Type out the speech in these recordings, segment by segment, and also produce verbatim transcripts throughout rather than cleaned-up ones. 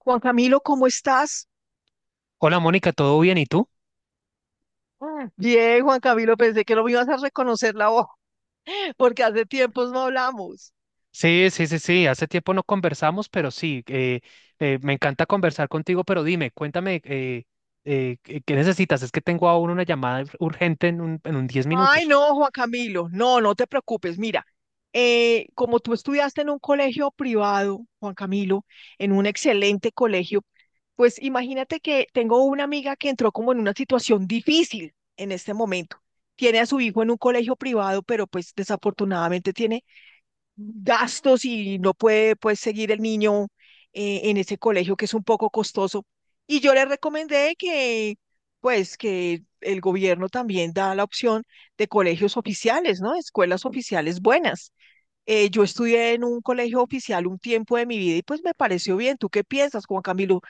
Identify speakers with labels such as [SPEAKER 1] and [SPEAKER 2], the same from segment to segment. [SPEAKER 1] Juan Camilo, ¿cómo estás?
[SPEAKER 2] Hola Mónica, ¿todo bien? ¿Y tú?
[SPEAKER 1] Mm, Bien, Juan Camilo, pensé que no me ibas a reconocer la voz, porque hace tiempos no hablamos.
[SPEAKER 2] Sí, sí, sí, sí, hace tiempo no conversamos, pero sí, eh, eh, me encanta conversar contigo, pero dime, cuéntame, eh, eh, ¿qué qué necesitas? Es que tengo aún una llamada urgente en un, en un diez
[SPEAKER 1] Ay,
[SPEAKER 2] minutos.
[SPEAKER 1] no, Juan Camilo, no, no te preocupes. Mira, eh, como tú estudiaste en un colegio privado, Juan Camilo, en un excelente colegio, pues imagínate que tengo una amiga que entró como en una situación difícil en este momento. Tiene a su hijo en un colegio privado, pero pues desafortunadamente tiene gastos y no puede pues seguir el niño eh, en ese colegio que es un poco costoso. Y yo le recomendé que pues que el gobierno también da la opción de colegios oficiales, ¿no? Escuelas oficiales buenas. Eh, yo estudié en un colegio oficial un tiempo de mi vida y pues me pareció bien. ¿Tú qué piensas, Juan Camilo?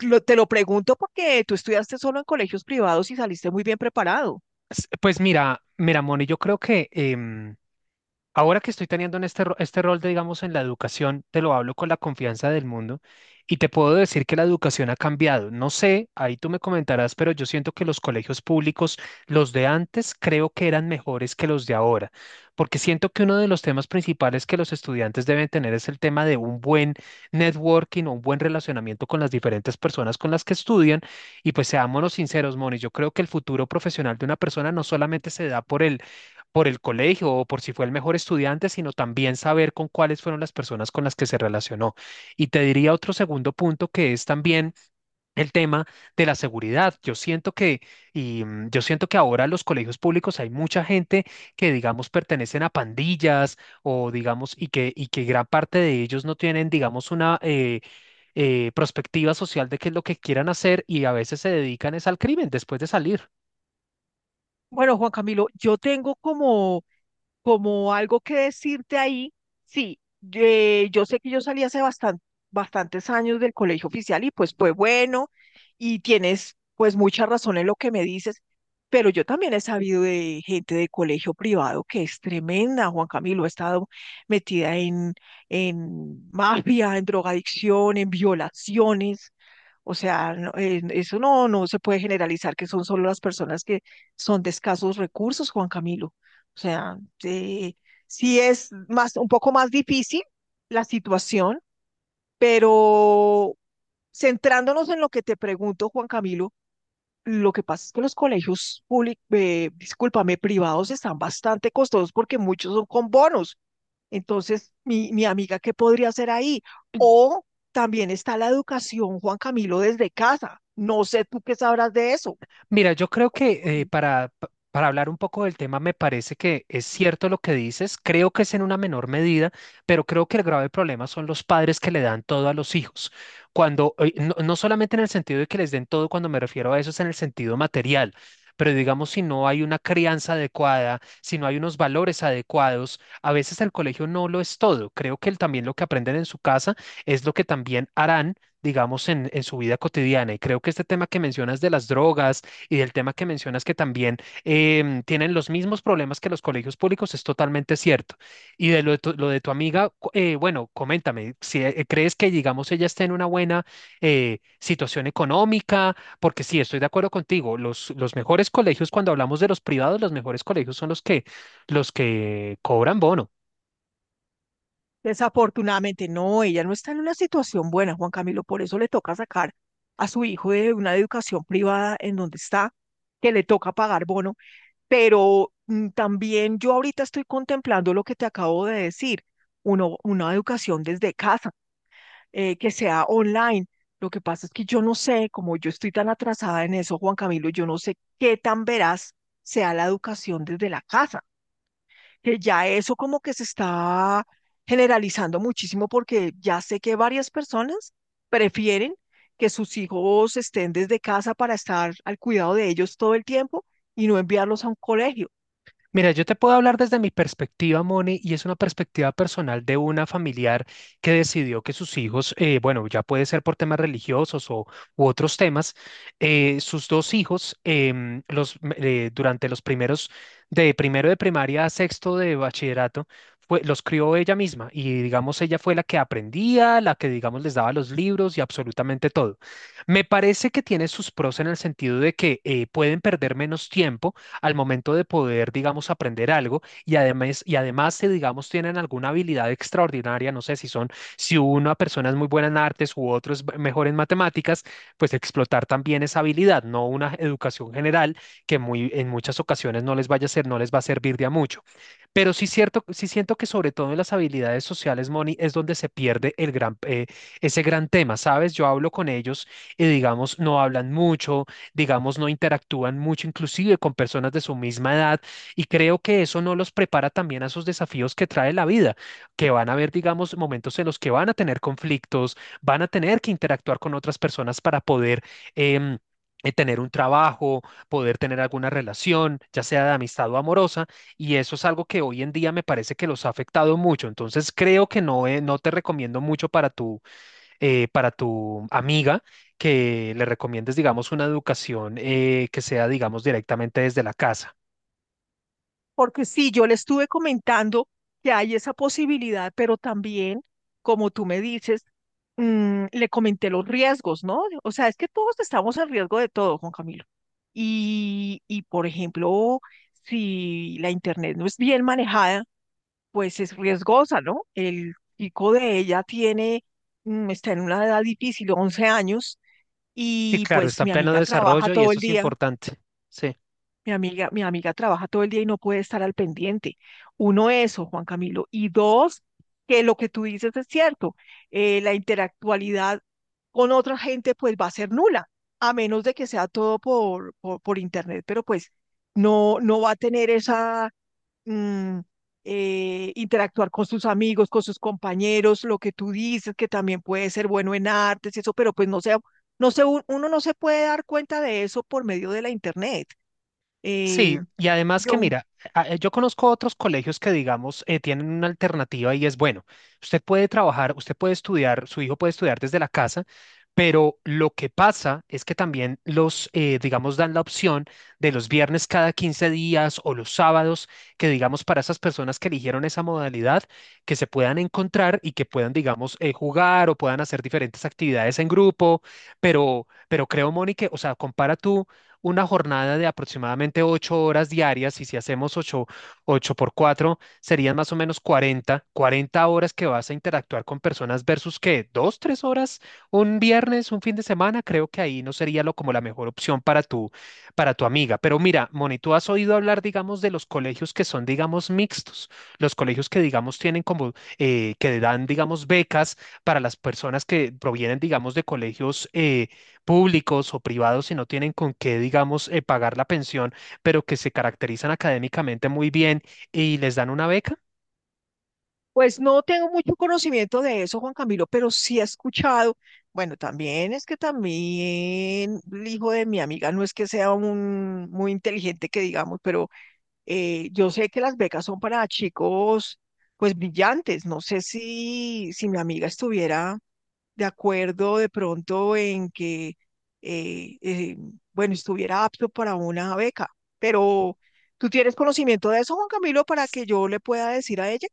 [SPEAKER 1] Lo- te lo pregunto porque tú estudiaste solo en colegios privados y saliste muy bien preparado.
[SPEAKER 2] S- Pues mira, mira, Moni, yo creo que em, ahora que estoy teniendo en este, ro- este rol de, digamos, en la educación, te lo hablo con la confianza del mundo y te puedo decir que la educación ha cambiado. No sé, ahí tú me comentarás, pero yo siento que los colegios públicos, los de antes, creo que eran mejores que los de ahora, porque siento que uno de los temas principales que los estudiantes deben tener es el tema de un buen networking o un buen relacionamiento con las diferentes personas con las que estudian. Y pues seámonos sinceros, Moni, yo creo que el futuro profesional de una persona no solamente se da por el por el colegio o por si fue el mejor estudiante, sino también saber con cuáles fueron las personas con las que se relacionó. Y te diría otro segundo punto que es también el tema de la seguridad. Yo siento que, y mm, yo siento que ahora en los colegios públicos hay mucha gente que, digamos, pertenecen a pandillas o, digamos, y que, y que gran parte de ellos no tienen, digamos, una eh, eh, perspectiva social de qué es lo que quieran hacer y a veces se dedican es al crimen después de salir.
[SPEAKER 1] Bueno, Juan Camilo, yo tengo como como algo que decirte ahí, sí, eh, yo sé que yo salí hace bastan- bastantes años del colegio oficial y pues fue bueno y tienes pues mucha razón en lo que me dices, pero yo también he sabido de gente de colegio privado que es tremenda, Juan Camilo, ha estado metida en, en mafia, en drogadicción, en violaciones. O sea, no, eh, eso no, no se puede generalizar que son solo las personas que son de escasos recursos, Juan Camilo. O sea, eh, sí es más, un poco más difícil la situación, pero centrándonos en lo que te pregunto, Juan Camilo, lo que pasa es que los colegios públicos, discúlpame, privados están bastante costosos porque muchos son con bonos. Entonces, mi, mi amiga, ¿qué podría hacer ahí? O también está la educación, Juan Camilo, desde casa. No sé tú qué sabrás de eso.
[SPEAKER 2] Mira, yo creo que eh, para, pa- para hablar un poco del tema, me parece que es cierto lo que dices, creo que es en una menor medida, pero creo que el grave problema son los padres que le dan todo a los hijos. Cuando, eh, no, no solamente en el sentido de que les den todo, cuando me refiero a eso es en el sentido material, pero digamos si no hay una crianza adecuada, si no hay unos valores adecuados, a veces el colegio no lo es todo. Creo que el- también lo que aprenden en su casa es lo que también harán. Digamos, en, en su vida cotidiana. Y creo que este tema que mencionas de las drogas, y del tema que mencionas que también em, tienen los mismos problemas que los colegios públicos, es totalmente cierto. Y de lo de tu, lo de tu amiga, cu- eh, bueno, coméntame, si eh, crees que, digamos, ella esté en una buena eh, situación económica, porque sí, estoy de acuerdo contigo, los, los mejores colegios, cuando hablamos de los privados, los mejores colegios son los que, los que cobran bono.
[SPEAKER 1] Desafortunadamente, no, ella no está en una situación buena, Juan Camilo, por eso le toca sacar a su hijo de una educación privada en donde está, que le toca pagar bono, pero mm, también yo ahorita estoy contemplando lo que te acabo de decir, uno, una educación desde casa, eh, que sea online. Lo que pasa es que yo no sé, como yo estoy tan atrasada en eso, Juan Camilo, yo no sé qué tan veraz sea la educación desde la casa, que ya eso como que se está generalizando muchísimo porque ya sé que varias personas prefieren que sus hijos estén desde casa para estar al cuidado de ellos todo el tiempo y no enviarlos a un colegio.
[SPEAKER 2] Mira, yo te puedo hablar desde mi perspectiva, Moni, y es una perspectiva personal de una familiar que decidió que sus hijos, eh, bueno, ya puede ser por temas religiosos o u otros temas, eh, sus dos hijos, em, los, m- eh, durante los primeros, de primero de primaria a sexto de bachillerato, fue, los crió ella misma y digamos, ella fue la que aprendía, la que digamos les daba los libros y absolutamente todo. Me parece que tiene sus pros en el sentido de que eh, pueden perder menos tiempo al momento de poder, digamos, aprender algo y además, y además, si, digamos, tienen alguna habilidad extraordinaria, no sé si son, si una persona es muy buena en artes u otro es mejor en matemáticas, pues explotar también esa habilidad, no una educación general que muy, en muchas ocasiones no les vaya a ser, no les va a servir de a mucho. Pero sí cierto, sí siento que sobre todo en las habilidades sociales, Moni, es donde se pierde el gran, eh, ese gran tema, ¿sabes? Yo hablo con ellos y digamos, no hablan mucho, digamos, no interactúan mucho, inclusive con personas de su misma edad, y creo que eso no los prepara también a esos desafíos que trae la vida, que van a haber, digamos, momentos en los que van a tener conflictos, van a tener que interactuar con otras personas para poder... em, eh, tener un trabajo, poder tener alguna relación, ya sea de amistad o amorosa, y eso es algo que hoy en día me parece que los ha afectado mucho. Entonces creo que no, eh, no te recomiendo mucho para tu, eh, para tu amiga que le recomiendes, digamos, una educación eh, que sea, digamos, directamente desde la casa.
[SPEAKER 1] Porque sí, yo le estuve comentando que hay esa posibilidad, pero también, como tú me dices, mm, le comenté los riesgos, ¿no? O sea, es que todos estamos en riesgo de todo, Juan Camilo. Y, y por ejemplo, si la internet no es bien manejada, pues es riesgosa, ¿no? El chico de ella tiene, mm, está en una edad difícil, once años,
[SPEAKER 2] Y
[SPEAKER 1] y
[SPEAKER 2] claro,
[SPEAKER 1] pues
[SPEAKER 2] está en
[SPEAKER 1] mi
[SPEAKER 2] pleno
[SPEAKER 1] amiga trabaja
[SPEAKER 2] desarrollo y
[SPEAKER 1] todo
[SPEAKER 2] eso
[SPEAKER 1] el
[SPEAKER 2] es
[SPEAKER 1] día,
[SPEAKER 2] importante. Sí.
[SPEAKER 1] mi amiga, mi amiga trabaja todo el día y no puede estar al pendiente. Uno, eso, Juan Camilo. Y dos, que lo que tú dices es cierto, eh, la interactualidad con otra gente pues va a ser nula, a menos de que sea todo por, por, por internet, pero pues no, no va a tener esa mm, eh, interactuar con sus amigos, con sus compañeros, lo que tú dices, que también puede ser bueno en artes y eso, pero pues no sé, no sé, un- uno no se puede dar cuenta de eso por medio de la internet. Eh,
[SPEAKER 2] Sí, y además que
[SPEAKER 1] yo,
[SPEAKER 2] mira, a- eh, yo conozco otros colegios que digamos eh, tienen una alternativa y es bueno, usted puede trabajar, usted puede estudiar, su hijo puede estudiar desde la casa, pero lo que pasa es que también los, eh, digamos, dan la opción de los viernes cada quince días o los sábados, que digamos para esas personas que eligieron esa modalidad, que se puedan encontrar y que puedan, digamos, eh, jugar o puedan hacer diferentes actividades en grupo, pero, pero creo, Mónica, o sea, compara tú una jornada de aproximadamente ocho horas diarias, y si hacemos ocho, ocho por cuatro, serían más o menos cuarenta cuarenta horas que vas a interactuar con personas versus que dos, tres horas un viernes, un fin de semana, creo que ahí no sería lo, como la mejor opción para tu, para tu amiga. Pero mira, Moni, tú has oído hablar, digamos, de los colegios que son, digamos, mixtos, los colegios que, digamos, tienen como, eh, que dan, digamos, becas para las personas que provienen, digamos, de colegios eh, públicos o privados si no tienen con qué, digamos, eh, pagar la pensión, pero que se caracterizan académicamente muy bien y les dan una beca.
[SPEAKER 1] pues no tengo mucho conocimiento de eso, Juan Camilo, pero sí he escuchado. Bueno, también es que también el hijo de mi amiga no es que sea un muy inteligente que digamos, pero. Eh, yo sé que las becas son para chicos, pues brillantes. No sé si, si mi amiga estuviera de acuerdo de pronto en que, eh, eh, bueno, estuviera apto para una beca. Pero, ¿tú tienes conocimiento de eso, Juan Camilo, para que yo le pueda decir a ella?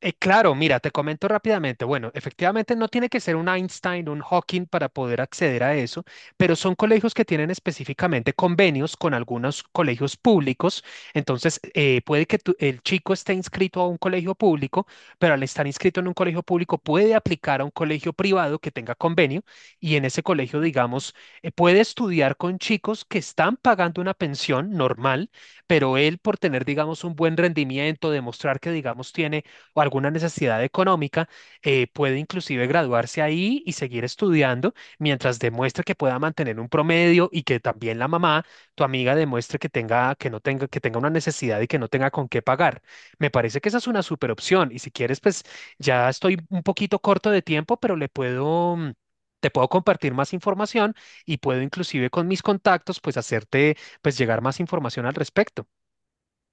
[SPEAKER 2] Eh, claro, mira, te comento rápidamente. Bueno, efectivamente no tiene que ser un Einstein, un Hawking para poder acceder a eso, pero son colegios que tienen específicamente convenios con algunos colegios públicos. Entonces, eh, puede que tu- el chico esté inscrito a un colegio público, pero al estar inscrito en un colegio público puede aplicar a un colegio privado que tenga convenio y en ese colegio, digamos, eh, puede estudiar con chicos que están pagando una pensión normal, pero él por tener, digamos, un buen rendimiento, demostrar que, digamos, tiene o alguna necesidad económica, eh, puede inclusive graduarse ahí y seguir estudiando mientras demuestre que pueda mantener un promedio y que también la mamá, tu amiga, demuestre que tenga, que no tenga, que tenga una necesidad y que no tenga con qué pagar. Me parece que esa es una super opción y si quieres, pues ya estoy un poquito corto de tiempo, pero le puedo... mm, te puedo compartir más información y puedo inclusive con mis contactos pues hacerte pues llegar más información al respecto.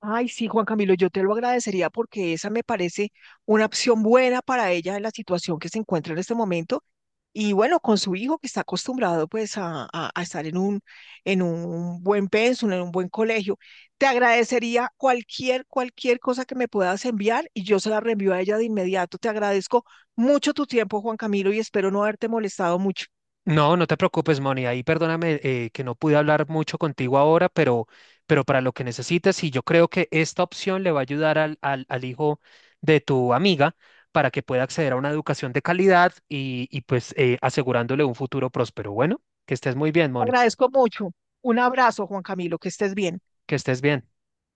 [SPEAKER 1] Ay, sí, Juan Camilo, yo te lo agradecería porque esa me parece una opción buena para ella en la situación que se encuentra en este momento. Y bueno, con su hijo que está acostumbrado pues a, a- a estar en un, en un, buen pensum, en un buen colegio. Te agradecería cualquier, cualquier cosa que me puedas enviar y yo se la reenvío a ella de inmediato. Te agradezco mucho tu tiempo, Juan Camilo, y espero no haberte molestado mucho.
[SPEAKER 2] No, no te preocupes, Moni. Ahí perdóname eh, que no pude hablar mucho contigo ahora, pero, pero para lo que necesites, y yo creo que esta opción le va a ayudar al, al, al hijo de tu amiga para que pueda acceder a una educación de calidad y, y pues eh, asegurándole un futuro próspero. Bueno, que estés muy bien,
[SPEAKER 1] Te
[SPEAKER 2] Moni.
[SPEAKER 1] agradezco mucho. Un abrazo, Juan Camilo, que estés bien.
[SPEAKER 2] Que estés bien.